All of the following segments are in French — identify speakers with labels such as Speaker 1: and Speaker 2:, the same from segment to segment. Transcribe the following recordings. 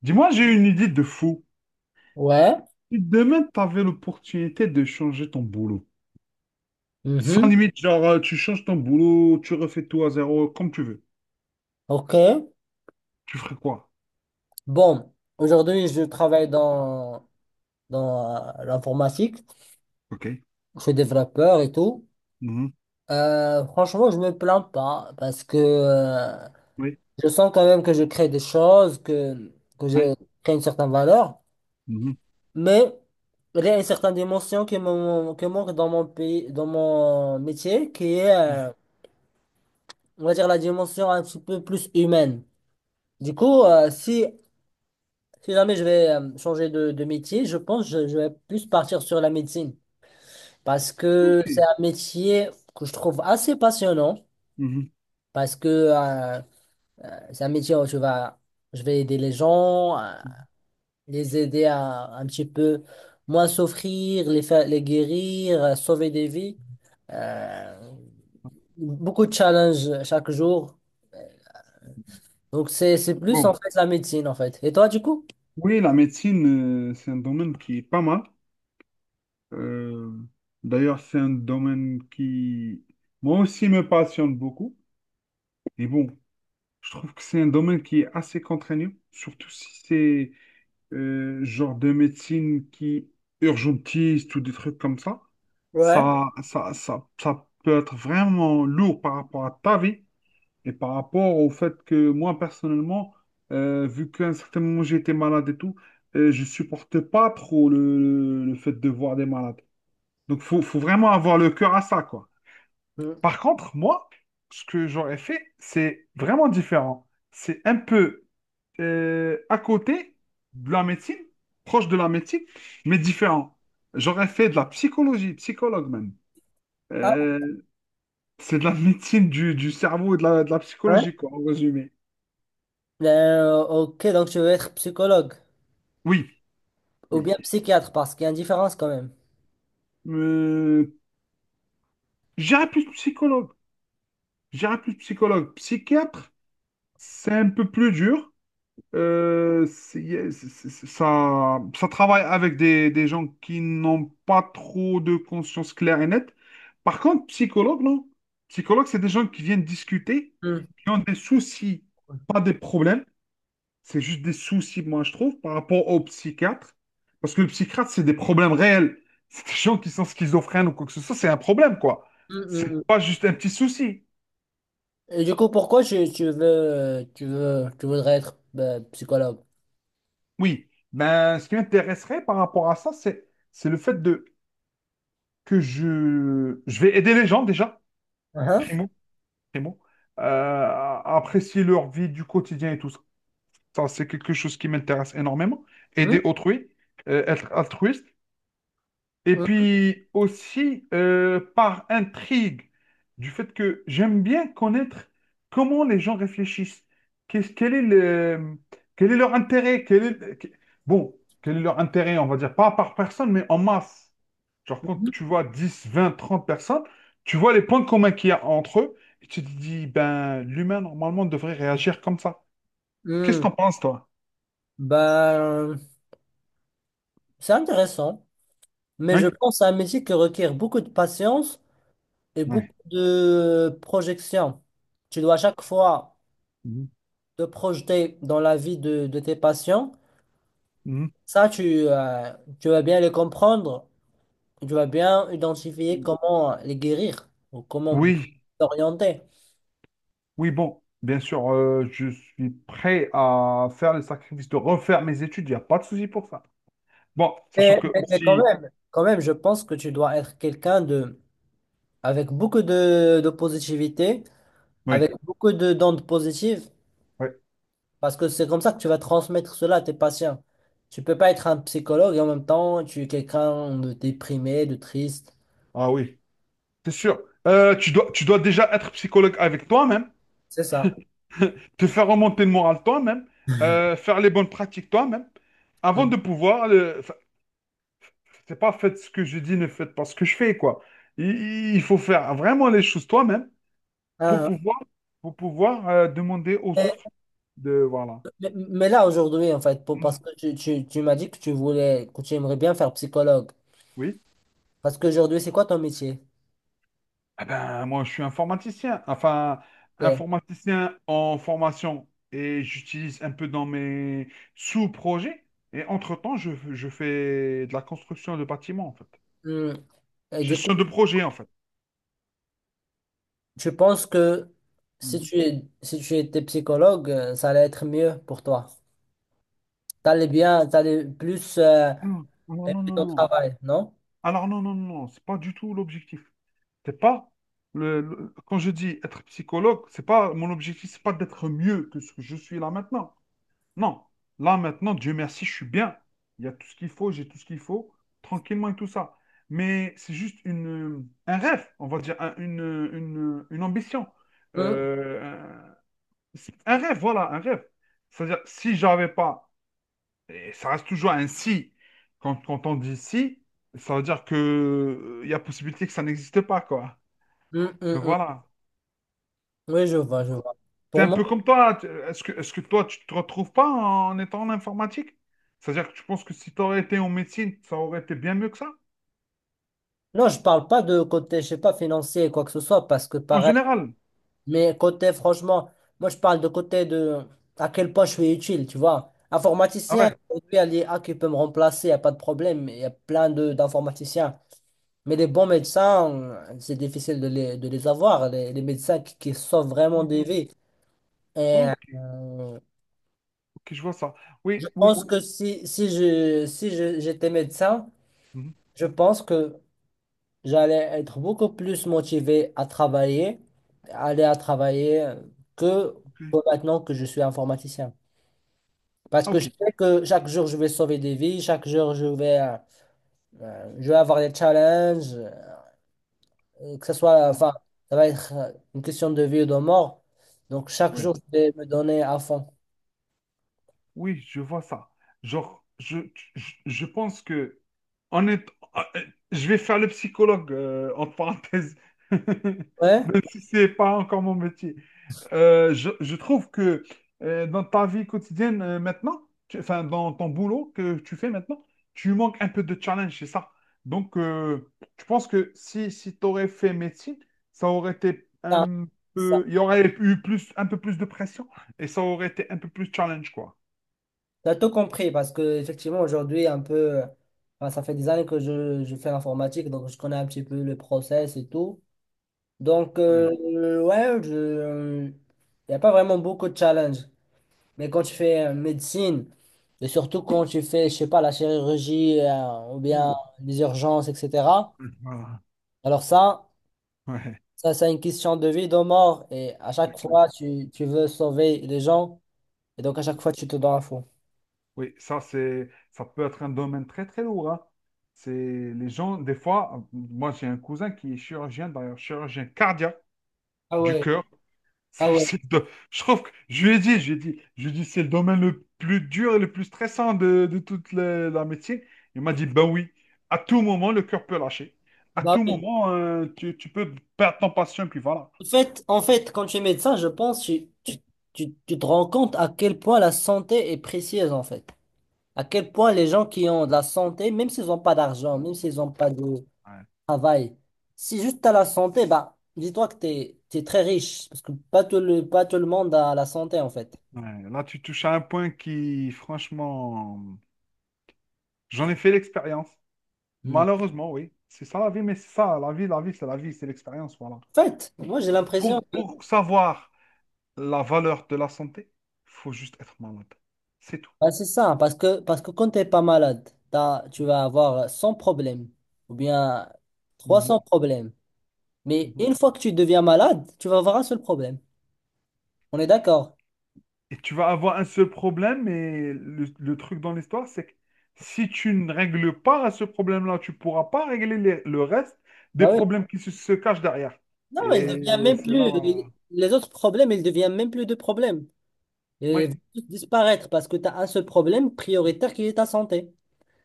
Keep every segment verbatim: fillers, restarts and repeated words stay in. Speaker 1: Dis-moi, j'ai une idée de fou.
Speaker 2: Ouais.
Speaker 1: Si demain, tu avais l'opportunité de changer ton boulot, sans
Speaker 2: Mhm.
Speaker 1: limite, genre, euh, tu changes ton boulot, tu refais tout à zéro, comme tu veux,
Speaker 2: OK.
Speaker 1: tu ferais quoi?
Speaker 2: Bon, aujourd'hui, je travaille dans, dans euh, l'informatique.
Speaker 1: OK.
Speaker 2: Je suis développeur et tout.
Speaker 1: Mhm.
Speaker 2: Euh, franchement, je me plains pas parce que euh,
Speaker 1: Oui.
Speaker 2: je sens quand même que je crée des choses, que, que je
Speaker 1: Oui.
Speaker 2: crée une certaine valeur.
Speaker 1: Mhm.
Speaker 2: Mais il y a une certaine dimension qui me, qui manque dans mon pays, dans mon métier, qui est, euh, on va dire, la dimension un petit peu plus humaine. Du coup, euh, si Si jamais je vais euh, changer de, de métier, je pense que je, je vais plus partir sur la médecine parce que c'est
Speaker 1: OK.
Speaker 2: un métier que je trouve assez passionnant
Speaker 1: Mhm.
Speaker 2: parce que euh, c'est un métier où tu vas, je vais aider les gens, euh, les aider à un petit peu moins souffrir, les faire, les guérir, euh, sauver des vies. Euh, beaucoup de challenges chaque jour. Donc c'est, c'est plus en
Speaker 1: Bon.
Speaker 2: fait la médecine en fait. Et toi du coup?
Speaker 1: Oui, la médecine, euh, c'est un domaine qui est pas mal. Euh, d'ailleurs, c'est un domaine qui, moi aussi, me passionne beaucoup. Et bon, je trouve que c'est un domaine qui est assez contraignant, surtout si c'est euh, genre de médecine qui urgentiste ou des trucs comme ça,
Speaker 2: Ouais.
Speaker 1: ça, ça, ça, ça peut être vraiment lourd par rapport à ta vie et par rapport au fait que moi, personnellement, euh, vu qu'à un certain moment j'étais malade et tout, euh, je supportais pas trop le, le fait de voir des malades. Donc, faut, faut vraiment avoir le cœur à ça, quoi.
Speaker 2: Mm.
Speaker 1: Par contre, moi, ce que j'aurais fait, c'est vraiment différent. C'est un peu euh, à côté de la médecine, proche de la médecine, mais différent. J'aurais fait de la psychologie, psychologue même.
Speaker 2: Ah,
Speaker 1: Euh, c'est de la médecine du, du cerveau et de la, de la
Speaker 2: ouais.
Speaker 1: psychologie, quoi, en résumé.
Speaker 2: Ben, Euh, ok, donc tu veux être psychologue.
Speaker 1: Oui,
Speaker 2: Ou
Speaker 1: oui.
Speaker 2: bien psychiatre, parce qu'il y a une différence quand même.
Speaker 1: Euh, j'irais plus psychologue. J'irais plus psychologue. Psychiatre, c'est un peu plus dur. Euh, c'est- c'est- c'est- ça, ça travaille avec des, des gens qui n'ont pas trop de conscience claire et nette. Par contre, psychologue, non. Psychologue, c'est des gens qui viennent discuter,
Speaker 2: Hmm.
Speaker 1: qui ont des soucis,
Speaker 2: Hmm,
Speaker 1: pas des problèmes. C'est juste des soucis, moi, je trouve, par rapport au psychiatre. Parce que le psychiatre, c'est des problèmes réels. C'est des gens qui sont schizophrènes ou quoi que ce soit, c'est un problème, quoi.
Speaker 2: hmm, hmm.
Speaker 1: C'est pas juste un petit souci.
Speaker 2: Et du coup, pourquoi tu, tu veux, tu veux, tu voudrais être ben, psychologue?
Speaker 1: Oui. Ben, ce qui m'intéresserait par rapport à ça, c'est, c'est le fait de que je, je vais aider les gens déjà,
Speaker 2: Hein.
Speaker 1: primo, primo, euh, à apprécier leur vie du quotidien et tout ça. Ça, c'est quelque chose qui m'intéresse énormément.
Speaker 2: Mhm.
Speaker 1: Aider autrui, euh, être altruiste. Et puis aussi, euh, par intrigue, du fait que j'aime bien connaître comment les gens réfléchissent. Qu'est-ce- quel est le, quel est leur intérêt? Quel est, bon, quel est leur intérêt, on va dire, pas par personne, mais en masse. Genre, quand
Speaker 2: Mhm.
Speaker 1: tu vois dix, vingt, trente personnes, tu vois les points communs qu'il y a entre eux, et tu te dis, ben, l'humain, normalement, devrait réagir comme ça. Qu'est-ce que
Speaker 2: Mhm.
Speaker 1: t'en penses, toi?
Speaker 2: Ben, c'est intéressant, mais je
Speaker 1: Oui?
Speaker 2: pense à un métier qui requiert beaucoup de patience et
Speaker 1: Oui,
Speaker 2: beaucoup de projection. Tu dois à chaque fois
Speaker 1: mhm.
Speaker 2: te projeter dans la vie de, de tes patients. Ça, tu, euh, tu vas bien les comprendre. Tu vas bien identifier
Speaker 1: Mhm.
Speaker 2: comment les guérir ou comment
Speaker 1: Oui,
Speaker 2: t'orienter.
Speaker 1: oui, bon, bien sûr, euh, je suis prêt à faire le sacrifice de refaire mes études, il n'y a pas de souci pour ça. Bon, sachant
Speaker 2: Mais,
Speaker 1: que
Speaker 2: mais- mais quand
Speaker 1: aussi,
Speaker 2: même, quand même, je pense que tu dois être quelqu'un de, avec beaucoup de, de positivité, avec
Speaker 1: oui,
Speaker 2: beaucoup de d'ondes positives,
Speaker 1: oui,
Speaker 2: parce que c'est comme ça que tu vas transmettre cela à tes patients. Tu peux pas être un psychologue et en même temps, tu es quelqu'un de déprimé, de triste.
Speaker 1: ah oui, c'est sûr. Euh, tu dois, tu dois déjà être psychologue avec toi-même,
Speaker 2: C'est ça.
Speaker 1: te faire remonter le moral toi-même, euh, faire les bonnes pratiques toi-même. Avant
Speaker 2: Mm.
Speaker 1: de pouvoir, le- enfin, c'est pas faites ce que je dis, ne faites pas ce que je fais, quoi. Il, il faut faire vraiment les choses toi-même pour
Speaker 2: Ah,
Speaker 1: pouvoir, pour pouvoir euh, demander aux
Speaker 2: mais,
Speaker 1: autres de, voilà.
Speaker 2: mais- mais là, aujourd'hui, en fait, pour-
Speaker 1: Hmm.
Speaker 2: parce que tu, tu, tu m'as dit que tu voulais, que tu aimerais bien faire psychologue.
Speaker 1: Oui.
Speaker 2: Parce qu'aujourd'hui, c'est quoi ton métier?
Speaker 1: Ah ben, moi, je suis informaticien, enfin,
Speaker 2: Ok.
Speaker 1: informaticien en formation et j'utilise un peu dans mes sous-projets. Et entre-temps, je, je fais de la construction de bâtiments, en fait.
Speaker 2: Hmm. Et du coup,
Speaker 1: Gestion de projet, en fait.
Speaker 2: tu penses que si
Speaker 1: Mhm.
Speaker 2: tu es, si tu étais psychologue, euh, ça allait être mieux pour toi. T'allais bien, t'allais plus euh,
Speaker 1: Ah, alors non,
Speaker 2: aimer
Speaker 1: non,
Speaker 2: ton
Speaker 1: non.
Speaker 2: travail, non?
Speaker 1: Alors non, non, non, non, c'est pas du tout l'objectif. C'est pas le, le- quand je dis être psychologue, c'est pas mon objectif, c'est pas d'être mieux que ce que je suis là maintenant. Non, là maintenant, Dieu merci, je suis bien. Il y a tout ce qu'il faut, j'ai tout ce qu'il faut, tranquillement et tout ça. Mais c'est juste une, un rêve, on va dire, un- une, une, une ambition.
Speaker 2: Hmm,
Speaker 1: Euh, un, c'est un rêve, voilà, un rêve. C'est-à-dire, si j'avais pas, et ça reste toujours un si, quand, quand on dit si, ça veut dire que euh, il y a possibilité que ça n'existe pas, quoi.
Speaker 2: hmm, hmm,
Speaker 1: Donc
Speaker 2: hmm.
Speaker 1: voilà.
Speaker 2: Oui, je vois, je vois.
Speaker 1: C'est
Speaker 2: Pour
Speaker 1: un
Speaker 2: moi,
Speaker 1: peu comme toi. tu- Est-ce que, est-ce que toi, tu te retrouves pas en étant en informatique? C'est-à-dire que tu penses que si tu aurais été en médecine, ça aurait été bien mieux que ça?
Speaker 2: non, je parle pas de côté, je sais pas, financier, quoi que ce soit, parce que
Speaker 1: En
Speaker 2: pareil,
Speaker 1: général.
Speaker 2: mais côté, franchement, moi, je parle de côté de à quel point je suis utile, tu vois.
Speaker 1: Ah
Speaker 2: Informaticien,
Speaker 1: ouais.
Speaker 2: aujourd'hui, il y a l'I A qui peut me remplacer, il n'y a pas de problème, il y a plein de d'informaticiens. Mais les bons médecins, c'est difficile de les, de les avoir, les, les médecins qui, qui sauvent vraiment
Speaker 1: Ok,
Speaker 2: des vies. Et
Speaker 1: ok,
Speaker 2: euh,
Speaker 1: ok, je vois ça.
Speaker 2: je
Speaker 1: Oui, oui.
Speaker 2: pense que si, si je, si je- j'étais médecin,
Speaker 1: Mhm,
Speaker 2: je pense que j'allais être beaucoup plus motivé à travailler, aller à travailler que, que
Speaker 1: ok.
Speaker 2: maintenant que je suis informaticien. Parce
Speaker 1: Ah,
Speaker 2: que je
Speaker 1: ok.
Speaker 2: sais que chaque jour, je vais sauver des vies, chaque jour, je vais, euh, euh, je vais avoir des challenges. Euh, que ce soit,
Speaker 1: Oui,
Speaker 2: enfin, ça va être euh, une question de vie ou de mort. Donc, chaque
Speaker 1: oui,
Speaker 2: jour, je vais me donner à fond.
Speaker 1: oui, je vois ça. Genre, je, je, je pense que en est- ah, euh, je vais faire le psychologue, euh, entre parenthèses,
Speaker 2: Ouais,
Speaker 1: même si c'est pas encore mon métier. Euh, je, je trouve que euh, dans ta vie quotidienne euh, maintenant, tu- enfin dans ton boulot que tu fais maintenant, tu manques un peu de challenge, c'est ça. Donc, euh, je pense que si, si tu aurais fait médecine, ça aurait été
Speaker 2: ça,
Speaker 1: un
Speaker 2: ça,
Speaker 1: peu, il y aurait eu plus, un peu plus de pression et ça aurait été un peu plus challenge, quoi.
Speaker 2: t'as tout compris parce que, effectivement, aujourd'hui, un peu, euh, enfin, ça fait des années que je, je fais l'informatique, donc je connais un petit peu le process et tout. Donc,
Speaker 1: Ouais.
Speaker 2: euh, ouais, je, il n'y a pas vraiment beaucoup de challenges. Mais quand tu fais euh, médecine, et surtout quand tu fais, je sais pas, la chirurgie, euh, ou bien
Speaker 1: Ouh.
Speaker 2: les urgences, et cétéra,
Speaker 1: Voilà.
Speaker 2: alors ça,
Speaker 1: Ouais,
Speaker 2: Ça, c'est une question de vie, de mort. Et à chaque
Speaker 1: c'est clair.
Speaker 2: fois, tu, tu veux sauver les gens. Et donc, à chaque fois, tu te donnes à fond.
Speaker 1: Oui, ça c'est, ça peut être un domaine très très lourd, hein. C'est les gens, des fois, moi j'ai un cousin qui est chirurgien, d'ailleurs chirurgien cardiaque.
Speaker 2: Ah
Speaker 1: Du
Speaker 2: ouais,
Speaker 1: cœur. C'est-
Speaker 2: ah ouais.
Speaker 1: c'est le do- Je trouve que je lui ai dit, je lui ai dit, je lui ai dit, c'est le domaine le plus dur et le plus stressant de, de toute la, la médecine. Il m'a dit, ben oui, à tout moment, le cœur peut lâcher. À
Speaker 2: Bah
Speaker 1: tout
Speaker 2: oui.
Speaker 1: moment, euh, tu, tu peux perdre ton patient, puis voilà.
Speaker 2: En fait, en fait, quand tu es médecin, je pense tu, tu, tu, tu te rends compte à quel point la santé est précieuse, en fait. À quel point les gens qui ont de la santé, même s'ils n'ont pas d'argent, même s'ils n'ont pas de
Speaker 1: Ouais,
Speaker 2: travail, si juste tu as la santé, bah, dis-toi que tu es, très riche. Parce que pas tout le, pas tout le monde a la santé, en fait.
Speaker 1: ouais. Là, tu touches à un point qui, franchement, j'en ai fait l'expérience.
Speaker 2: Hmm.
Speaker 1: Malheureusement, oui. C'est ça la vie, mais c'est ça, la vie, la vie, c'est la vie, c'est l'expérience, voilà.
Speaker 2: En fait, moi, j'ai l'impression.
Speaker 1: Pour, pour savoir la valeur de la santé, il faut juste être malade. C'est tout.
Speaker 2: Ah, c'est ça, parce que, parce que quand tu n'es pas malade, t'as- tu vas avoir cent problèmes ou bien trois cents
Speaker 1: Mhm.
Speaker 2: problèmes. Mais
Speaker 1: Mhm.
Speaker 2: une fois que tu deviens malade, tu vas avoir un seul problème. On est d'accord?
Speaker 1: Et tu vas avoir un seul problème, et le, le truc dans l'histoire, c'est que si tu ne règles pas ce problème-là, tu pourras pas régler les- le reste des
Speaker 2: Bah oui.
Speaker 1: problèmes qui se, se cachent derrière.
Speaker 2: Non, il devient
Speaker 1: Et
Speaker 2: même
Speaker 1: c'est là,
Speaker 2: plus.
Speaker 1: voilà.
Speaker 2: il- Les autres problèmes, ils deviennent même plus de problèmes. Ils
Speaker 1: Oui,
Speaker 2: vont tous disparaître parce que tu as un seul problème prioritaire qui est ta santé.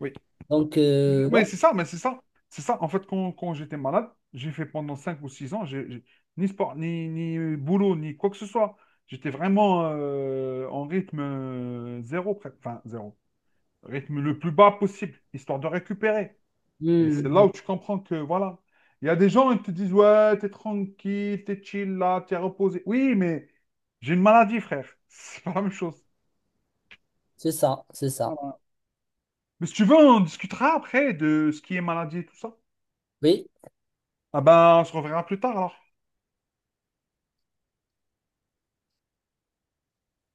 Speaker 1: oui.
Speaker 2: Donc, euh, ouais.
Speaker 1: Oui, c'est ça, mais c'est ça. C'est ça. En fait, quand, quand j'étais malade, j'ai fait pendant cinq ou six ans, j'ai, j'ai- ni sport, ni, ni boulot, ni quoi que ce soit. J'étais vraiment euh, en rythme euh, zéro, pre- enfin zéro, rythme le plus bas possible, histoire de récupérer. Et
Speaker 2: Hmm.
Speaker 1: c'est là où tu comprends que, voilà, il y a des gens qui te disent, ouais, t'es tranquille, t'es chill là, t'es reposé. Oui, mais j'ai une maladie, frère. C'est pas la même chose.
Speaker 2: C'est ça, c'est ça.
Speaker 1: Mais si tu veux, on discutera après de ce qui est maladie et tout ça.
Speaker 2: Oui.
Speaker 1: Ah ben, on se reverra plus tard alors.